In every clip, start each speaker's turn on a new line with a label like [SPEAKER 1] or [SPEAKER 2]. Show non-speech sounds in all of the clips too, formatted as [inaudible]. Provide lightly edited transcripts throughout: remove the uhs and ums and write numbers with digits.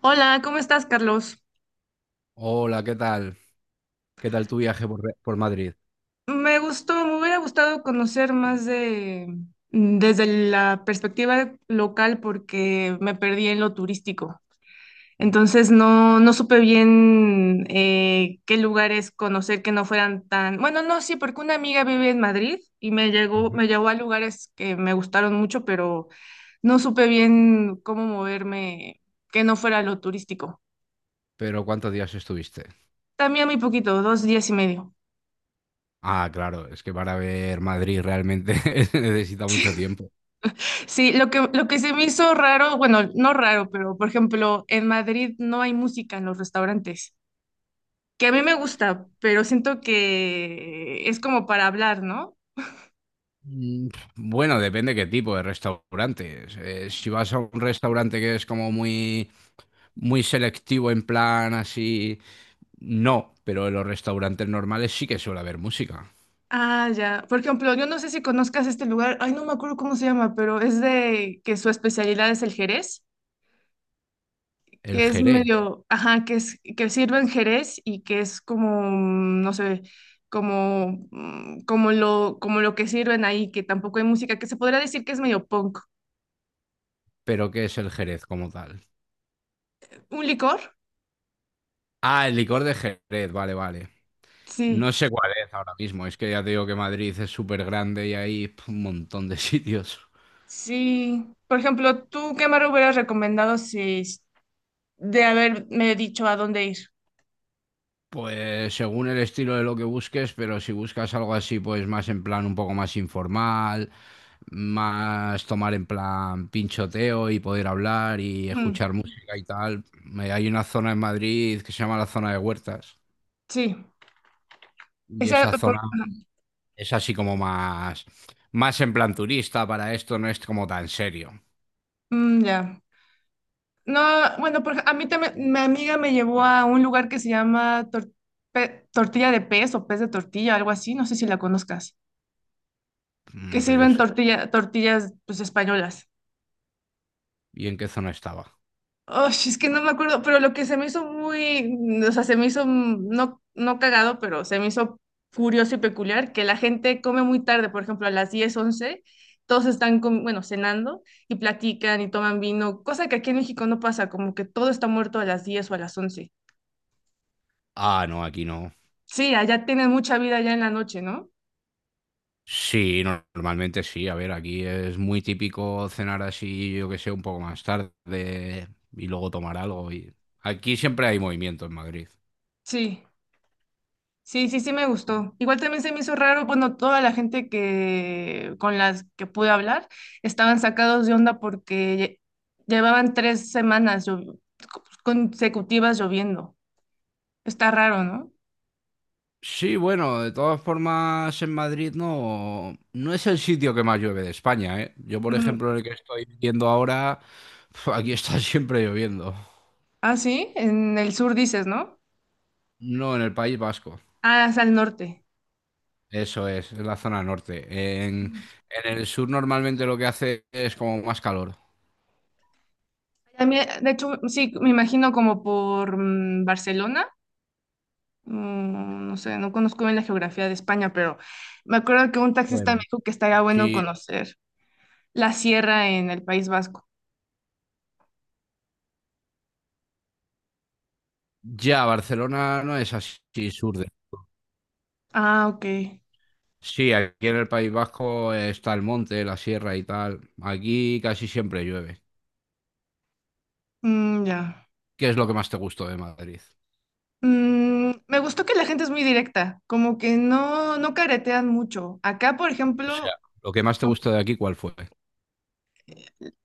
[SPEAKER 1] Hola, ¿cómo estás, Carlos?
[SPEAKER 2] Hola, ¿qué tal? ¿Qué tal tu viaje por, por Madrid?
[SPEAKER 1] Me gustó, me hubiera gustado conocer más de desde la perspectiva local porque me perdí en lo turístico. Entonces no supe bien qué lugares conocer que no fueran tan... Bueno, no, sí, porque una amiga vive en Madrid y me llegó,
[SPEAKER 2] Ujú.
[SPEAKER 1] me llevó a lugares que me gustaron mucho, pero no supe bien cómo moverme que no fuera lo turístico.
[SPEAKER 2] Pero ¿cuántos días estuviste?
[SPEAKER 1] También muy poquito, dos días y medio.
[SPEAKER 2] Ah, claro, es que para ver Madrid realmente [laughs] se necesita mucho tiempo.
[SPEAKER 1] Sí, lo que se me hizo raro, bueno, no raro, pero por ejemplo, en Madrid no hay música en los restaurantes, que a mí me gusta, pero siento que es como para hablar, ¿no?
[SPEAKER 2] Mm, Bueno, depende qué tipo de restaurantes. Si vas a un restaurante que es como muy, muy selectivo en plan así, no, pero en los restaurantes normales sí que suele haber música.
[SPEAKER 1] Ah, ya. Por ejemplo, yo no sé si conozcas este lugar, ay, no me acuerdo cómo se llama, pero es de que su especialidad es el Jerez,
[SPEAKER 2] El
[SPEAKER 1] que es
[SPEAKER 2] Jerez,
[SPEAKER 1] medio, ajá, que es que sirven Jerez y que es como, no sé, como lo que sirven ahí, que tampoco hay música, que se podría decir que es medio punk.
[SPEAKER 2] pero ¿qué es el Jerez como tal?
[SPEAKER 1] Un licor.
[SPEAKER 2] Ah, el licor de Jerez, vale, vale.
[SPEAKER 1] Sí,
[SPEAKER 2] No sé cuál es ahora mismo, es que ya te digo que Madrid es súper grande y hay un montón de [laughs] sitios.
[SPEAKER 1] sí. Por ejemplo, ¿tú qué me hubieras recomendado si s- de haberme dicho a dónde ir?
[SPEAKER 2] Pues según el estilo de lo que busques, pero si buscas algo así, pues más en plan un poco más informal, más tomar en plan pinchoteo y poder hablar y
[SPEAKER 1] Mm,
[SPEAKER 2] escuchar música y tal. Hay una zona en Madrid que se llama la zona de Huertas
[SPEAKER 1] sí.
[SPEAKER 2] y
[SPEAKER 1] Esa,
[SPEAKER 2] esa zona es así como más, más en plan turista, para esto no es como tan serio.
[SPEAKER 1] mm, ya. No, bueno, por a mí también, mi amiga me llevó a un lugar que se llama tortilla de pez o pez de tortilla, algo así, no sé si la conozcas, que
[SPEAKER 2] Pero
[SPEAKER 1] sirven
[SPEAKER 2] eso,
[SPEAKER 1] tortilla, tortillas pues españolas.
[SPEAKER 2] ¿y en qué zona estaba?
[SPEAKER 1] Oh, es que no me acuerdo, pero lo que se me hizo muy, o sea, se me hizo no, no cagado, pero se me hizo curioso y peculiar que la gente come muy tarde, por ejemplo, a las 10, 11, todos están, bueno, cenando y platican y toman vino, cosa que aquí en México no pasa, como que todo está muerto a las 10 o a las 11.
[SPEAKER 2] Ah, no, aquí no.
[SPEAKER 1] Sí, allá tienen mucha vida ya en la noche, ¿no?
[SPEAKER 2] Sí, normalmente sí. A ver, aquí es muy típico cenar así, yo que sé, un poco más tarde y luego tomar algo. Y... Aquí siempre hay movimiento en Madrid.
[SPEAKER 1] Sí. Sí, sí, sí me gustó. Igual también se me hizo raro, bueno, toda la gente que con las que pude hablar estaban sacados de onda porque llevaban tres semanas consecutivas lloviendo. Está raro, ¿no?
[SPEAKER 2] Sí, bueno, de todas formas en Madrid no, no es el sitio que más llueve de España, ¿eh? Yo, por
[SPEAKER 1] Ujú.
[SPEAKER 2] ejemplo, en el que estoy viviendo ahora, [laughs] aquí está siempre lloviendo.
[SPEAKER 1] Ah, sí, en el sur dices, ¿no?
[SPEAKER 2] No, en el País Vasco.
[SPEAKER 1] Ah, es al norte.
[SPEAKER 2] Eso es, en la zona norte.
[SPEAKER 1] Ujú.
[SPEAKER 2] En el sur normalmente lo que hace es como más calor.
[SPEAKER 1] También, de hecho, sí, me imagino como por Barcelona. Mm, no sé, no conozco bien la geografía de España, pero me acuerdo que un taxista me
[SPEAKER 2] Bueno.
[SPEAKER 1] dijo que estaría bueno
[SPEAKER 2] Si
[SPEAKER 1] conocer. La sierra en el País Vasco.
[SPEAKER 2] Ya, Barcelona no es así sur de...
[SPEAKER 1] Ah, ok.
[SPEAKER 2] Sí, aquí en el País Vasco está el monte, la sierra y tal. Aquí casi siempre llueve.
[SPEAKER 1] Mm, ya.
[SPEAKER 2] ¿Qué es lo que más te gustó de Madrid?
[SPEAKER 1] Mm, me gustó que la gente es muy directa, como que no caretean mucho. Acá, por
[SPEAKER 2] O sea,
[SPEAKER 1] ejemplo,
[SPEAKER 2] lo que más te
[SPEAKER 1] no,
[SPEAKER 2] gustó de aquí, ¿cuál fue?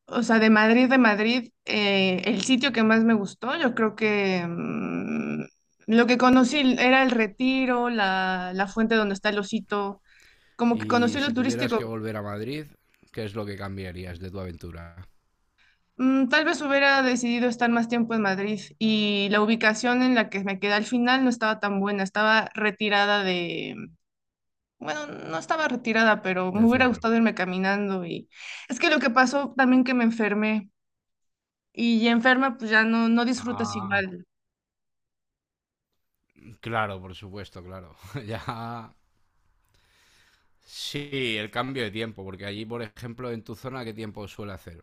[SPEAKER 1] o sea, de Madrid, el sitio que más me gustó, yo creo que lo que conocí era el Retiro, la fuente donde está el Osito, como que
[SPEAKER 2] Y
[SPEAKER 1] conocí
[SPEAKER 2] si
[SPEAKER 1] lo
[SPEAKER 2] tuvieras que
[SPEAKER 1] turístico.
[SPEAKER 2] volver a Madrid, ¿qué es lo que cambiarías de tu aventura
[SPEAKER 1] Mm, tal vez hubiera decidido estar más tiempo en Madrid y la ubicación en la que me quedé al final no estaba tan buena, estaba retirada de, bueno, no estaba retirada, pero me
[SPEAKER 2] del
[SPEAKER 1] hubiera
[SPEAKER 2] centro?
[SPEAKER 1] gustado irme caminando, y es que lo que pasó también que me enfermé y ya enferma pues ya no disfrutas
[SPEAKER 2] Ah,
[SPEAKER 1] igual.
[SPEAKER 2] claro, por supuesto, claro. [laughs] Ya. Sí, el cambio de tiempo, porque allí, por ejemplo, en tu zona, ¿qué tiempo suele hacer?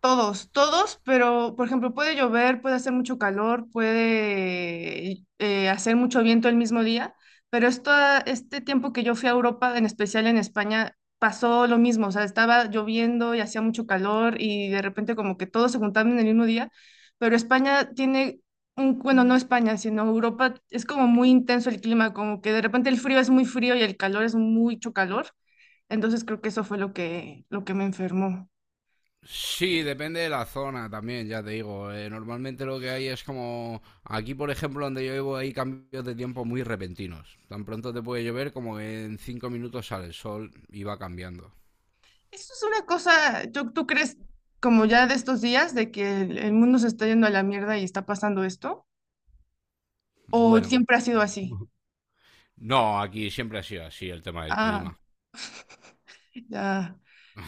[SPEAKER 1] Todos, todos, pero por ejemplo puede llover, puede hacer mucho calor, puede hacer mucho viento el mismo día, pero esto, este tiempo que yo fui a Europa, en especial en España, pasó lo mismo, o sea, estaba lloviendo y hacía mucho calor y de repente como que todos se juntaban en el mismo día, pero España tiene, un, bueno, no España, sino Europa, es como muy intenso el clima, como que de repente el frío es muy frío y el calor es mucho calor, entonces creo que eso fue lo que me enfermó.
[SPEAKER 2] Sí, depende de la zona también, ya te digo. Normalmente lo que hay es como aquí, por ejemplo, donde yo vivo hay cambios de tiempo muy repentinos. Tan pronto te puede llover como que en cinco minutos sale el sol y va cambiando.
[SPEAKER 1] Eso es una cosa, yo ¿tú crees como ya de estos días de que el mundo se está yendo a la mierda y está pasando esto? ¿O
[SPEAKER 2] Bueno,
[SPEAKER 1] siempre ha sido así?
[SPEAKER 2] [laughs] no, aquí siempre ha sido así el tema del
[SPEAKER 1] Ah,
[SPEAKER 2] clima.
[SPEAKER 1] [laughs] ya.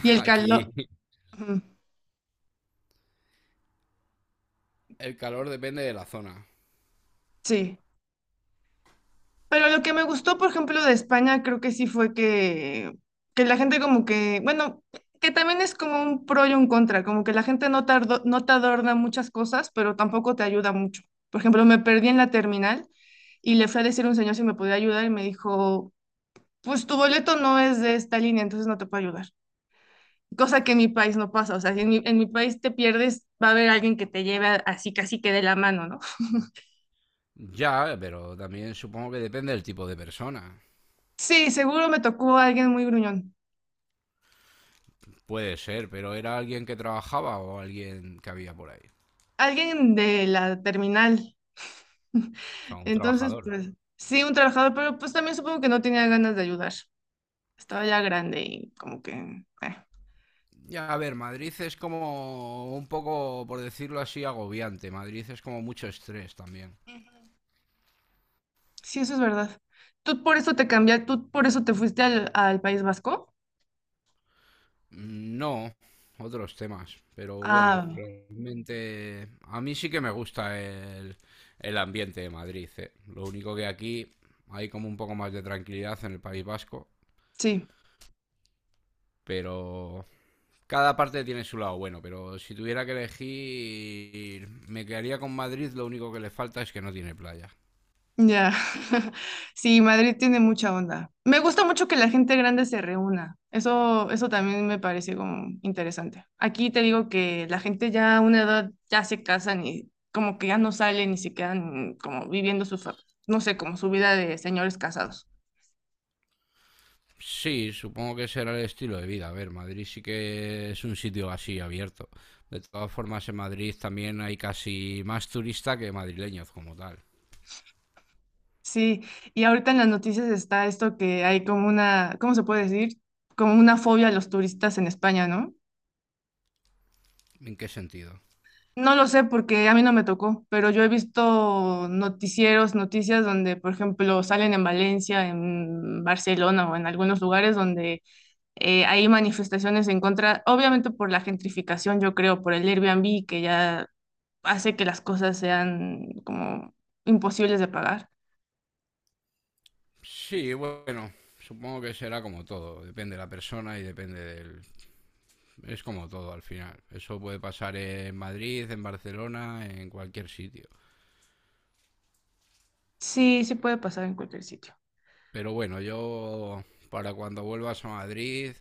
[SPEAKER 1] Y el calor,
[SPEAKER 2] Aquí
[SPEAKER 1] ujú,
[SPEAKER 2] el calor depende de la zona.
[SPEAKER 1] sí. Pero lo que me gustó, por ejemplo, de España, creo que sí fue que la gente como que, bueno, que también es como un pro y un contra, como que la gente no te, no te adorna muchas cosas, pero tampoco te ayuda mucho. Por ejemplo, me perdí en la terminal y le fui a decir a un señor si me podía ayudar y me dijo... pues tu boleto no es de esta línea, entonces no te puedo ayudar. Cosa que en mi país no pasa, o sea, si en en mi país te pierdes, va a haber alguien que te lleve así casi que de la mano, ¿no?
[SPEAKER 2] Ya, pero también supongo que depende del tipo de persona.
[SPEAKER 1] Sí, seguro me tocó alguien muy gruñón,
[SPEAKER 2] Puede ser, pero era alguien que trabajaba o alguien que había por ahí.
[SPEAKER 1] alguien de la terminal. [laughs]
[SPEAKER 2] O sea, un
[SPEAKER 1] Entonces,
[SPEAKER 2] trabajador.
[SPEAKER 1] pues sí, un trabajador, pero pues también supongo que no tenía ganas de ayudar. Estaba ya grande y como que...
[SPEAKER 2] Ya, a ver, Madrid es como un poco, por decirlo así, agobiante. Madrid es como mucho estrés también.
[SPEAKER 1] Sí, eso es verdad. ¿Tú por eso te cambiaste, tú por eso te fuiste al País Vasco?
[SPEAKER 2] No, otros temas, pero bueno,
[SPEAKER 1] Ah,
[SPEAKER 2] realmente a mí sí que me gusta el ambiente de Madrid, eh. Lo único que aquí hay como un poco más de tranquilidad en el País Vasco,
[SPEAKER 1] sí.
[SPEAKER 2] pero cada parte tiene su lado bueno, pero si tuviera que elegir, me quedaría con Madrid, lo único que le falta es que no tiene playa.
[SPEAKER 1] Ya, [laughs] sí, Madrid tiene mucha onda. Me gusta mucho que la gente grande se reúna. Eso también me parece como interesante. Aquí te digo que la gente ya a una edad ya se casan y como que ya no salen y se quedan como viviendo su, no sé, como su vida de señores casados.
[SPEAKER 2] Sí, supongo que será el estilo de vida. A ver, Madrid sí que es un sitio así abierto. De todas formas, en Madrid también hay casi más turistas que madrileños como tal.
[SPEAKER 1] Sí, y ahorita en las noticias está esto que hay como una, ¿cómo se puede decir? Como una fobia a los turistas en España, ¿no?
[SPEAKER 2] ¿En qué sentido?
[SPEAKER 1] No lo sé porque a mí no me tocó, pero yo he visto noticieros, noticias donde, por ejemplo, salen en Valencia, en Barcelona o en algunos lugares donde hay manifestaciones en contra, obviamente por la gentrificación, yo creo, por el Airbnb que ya hace que las cosas sean como imposibles de pagar.
[SPEAKER 2] Sí, bueno, supongo que será como todo. Depende de la persona y depende del... Es como todo al final. Eso puede pasar en Madrid, en Barcelona, en cualquier sitio.
[SPEAKER 1] Sí, sí puede pasar en cualquier sitio.
[SPEAKER 2] Pero bueno, yo para cuando vuelvas a Madrid,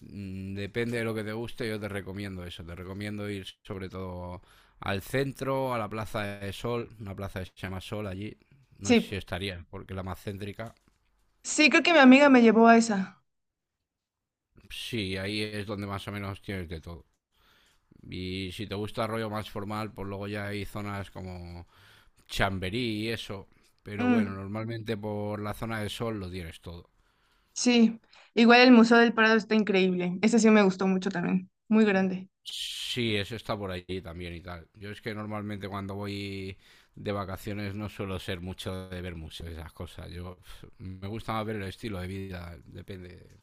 [SPEAKER 2] depende de lo que te guste, yo te recomiendo eso. Te recomiendo ir sobre todo al centro, a la Plaza de Sol, una plaza que se llama Sol allí. No sé
[SPEAKER 1] Sí,
[SPEAKER 2] si estaría, porque la más céntrica.
[SPEAKER 1] sí, creo que mi amiga me llevó a esa.
[SPEAKER 2] Sí, ahí es donde más o menos tienes de todo. Y si te gusta el rollo más formal, pues luego ya hay zonas como Chamberí y eso. Pero bueno,
[SPEAKER 1] Mm,
[SPEAKER 2] normalmente por la zona de Sol lo tienes todo.
[SPEAKER 1] sí, igual el Museo del Prado está increíble. Ese sí me gustó mucho también, muy grande.
[SPEAKER 2] Sí, eso está por allí también y tal. Yo es que normalmente cuando voy de vacaciones no suelo ser mucho de ver museos y esas cosas. Yo me gusta más ver el estilo de vida, depende.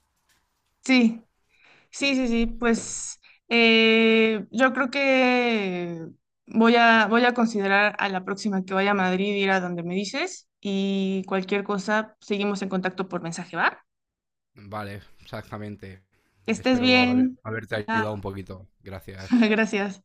[SPEAKER 1] Sí. Sí, sí, sí, pues yo creo que voy a considerar a la próxima que vaya a Madrid ir a donde me dices y cualquier cosa seguimos en contacto por mensaje, ¿va?
[SPEAKER 2] Vale, exactamente.
[SPEAKER 1] Que estés
[SPEAKER 2] Espero
[SPEAKER 1] bien.
[SPEAKER 2] haberte ayudado un
[SPEAKER 1] Ah,
[SPEAKER 2] poquito. Gracias.
[SPEAKER 1] [laughs] gracias.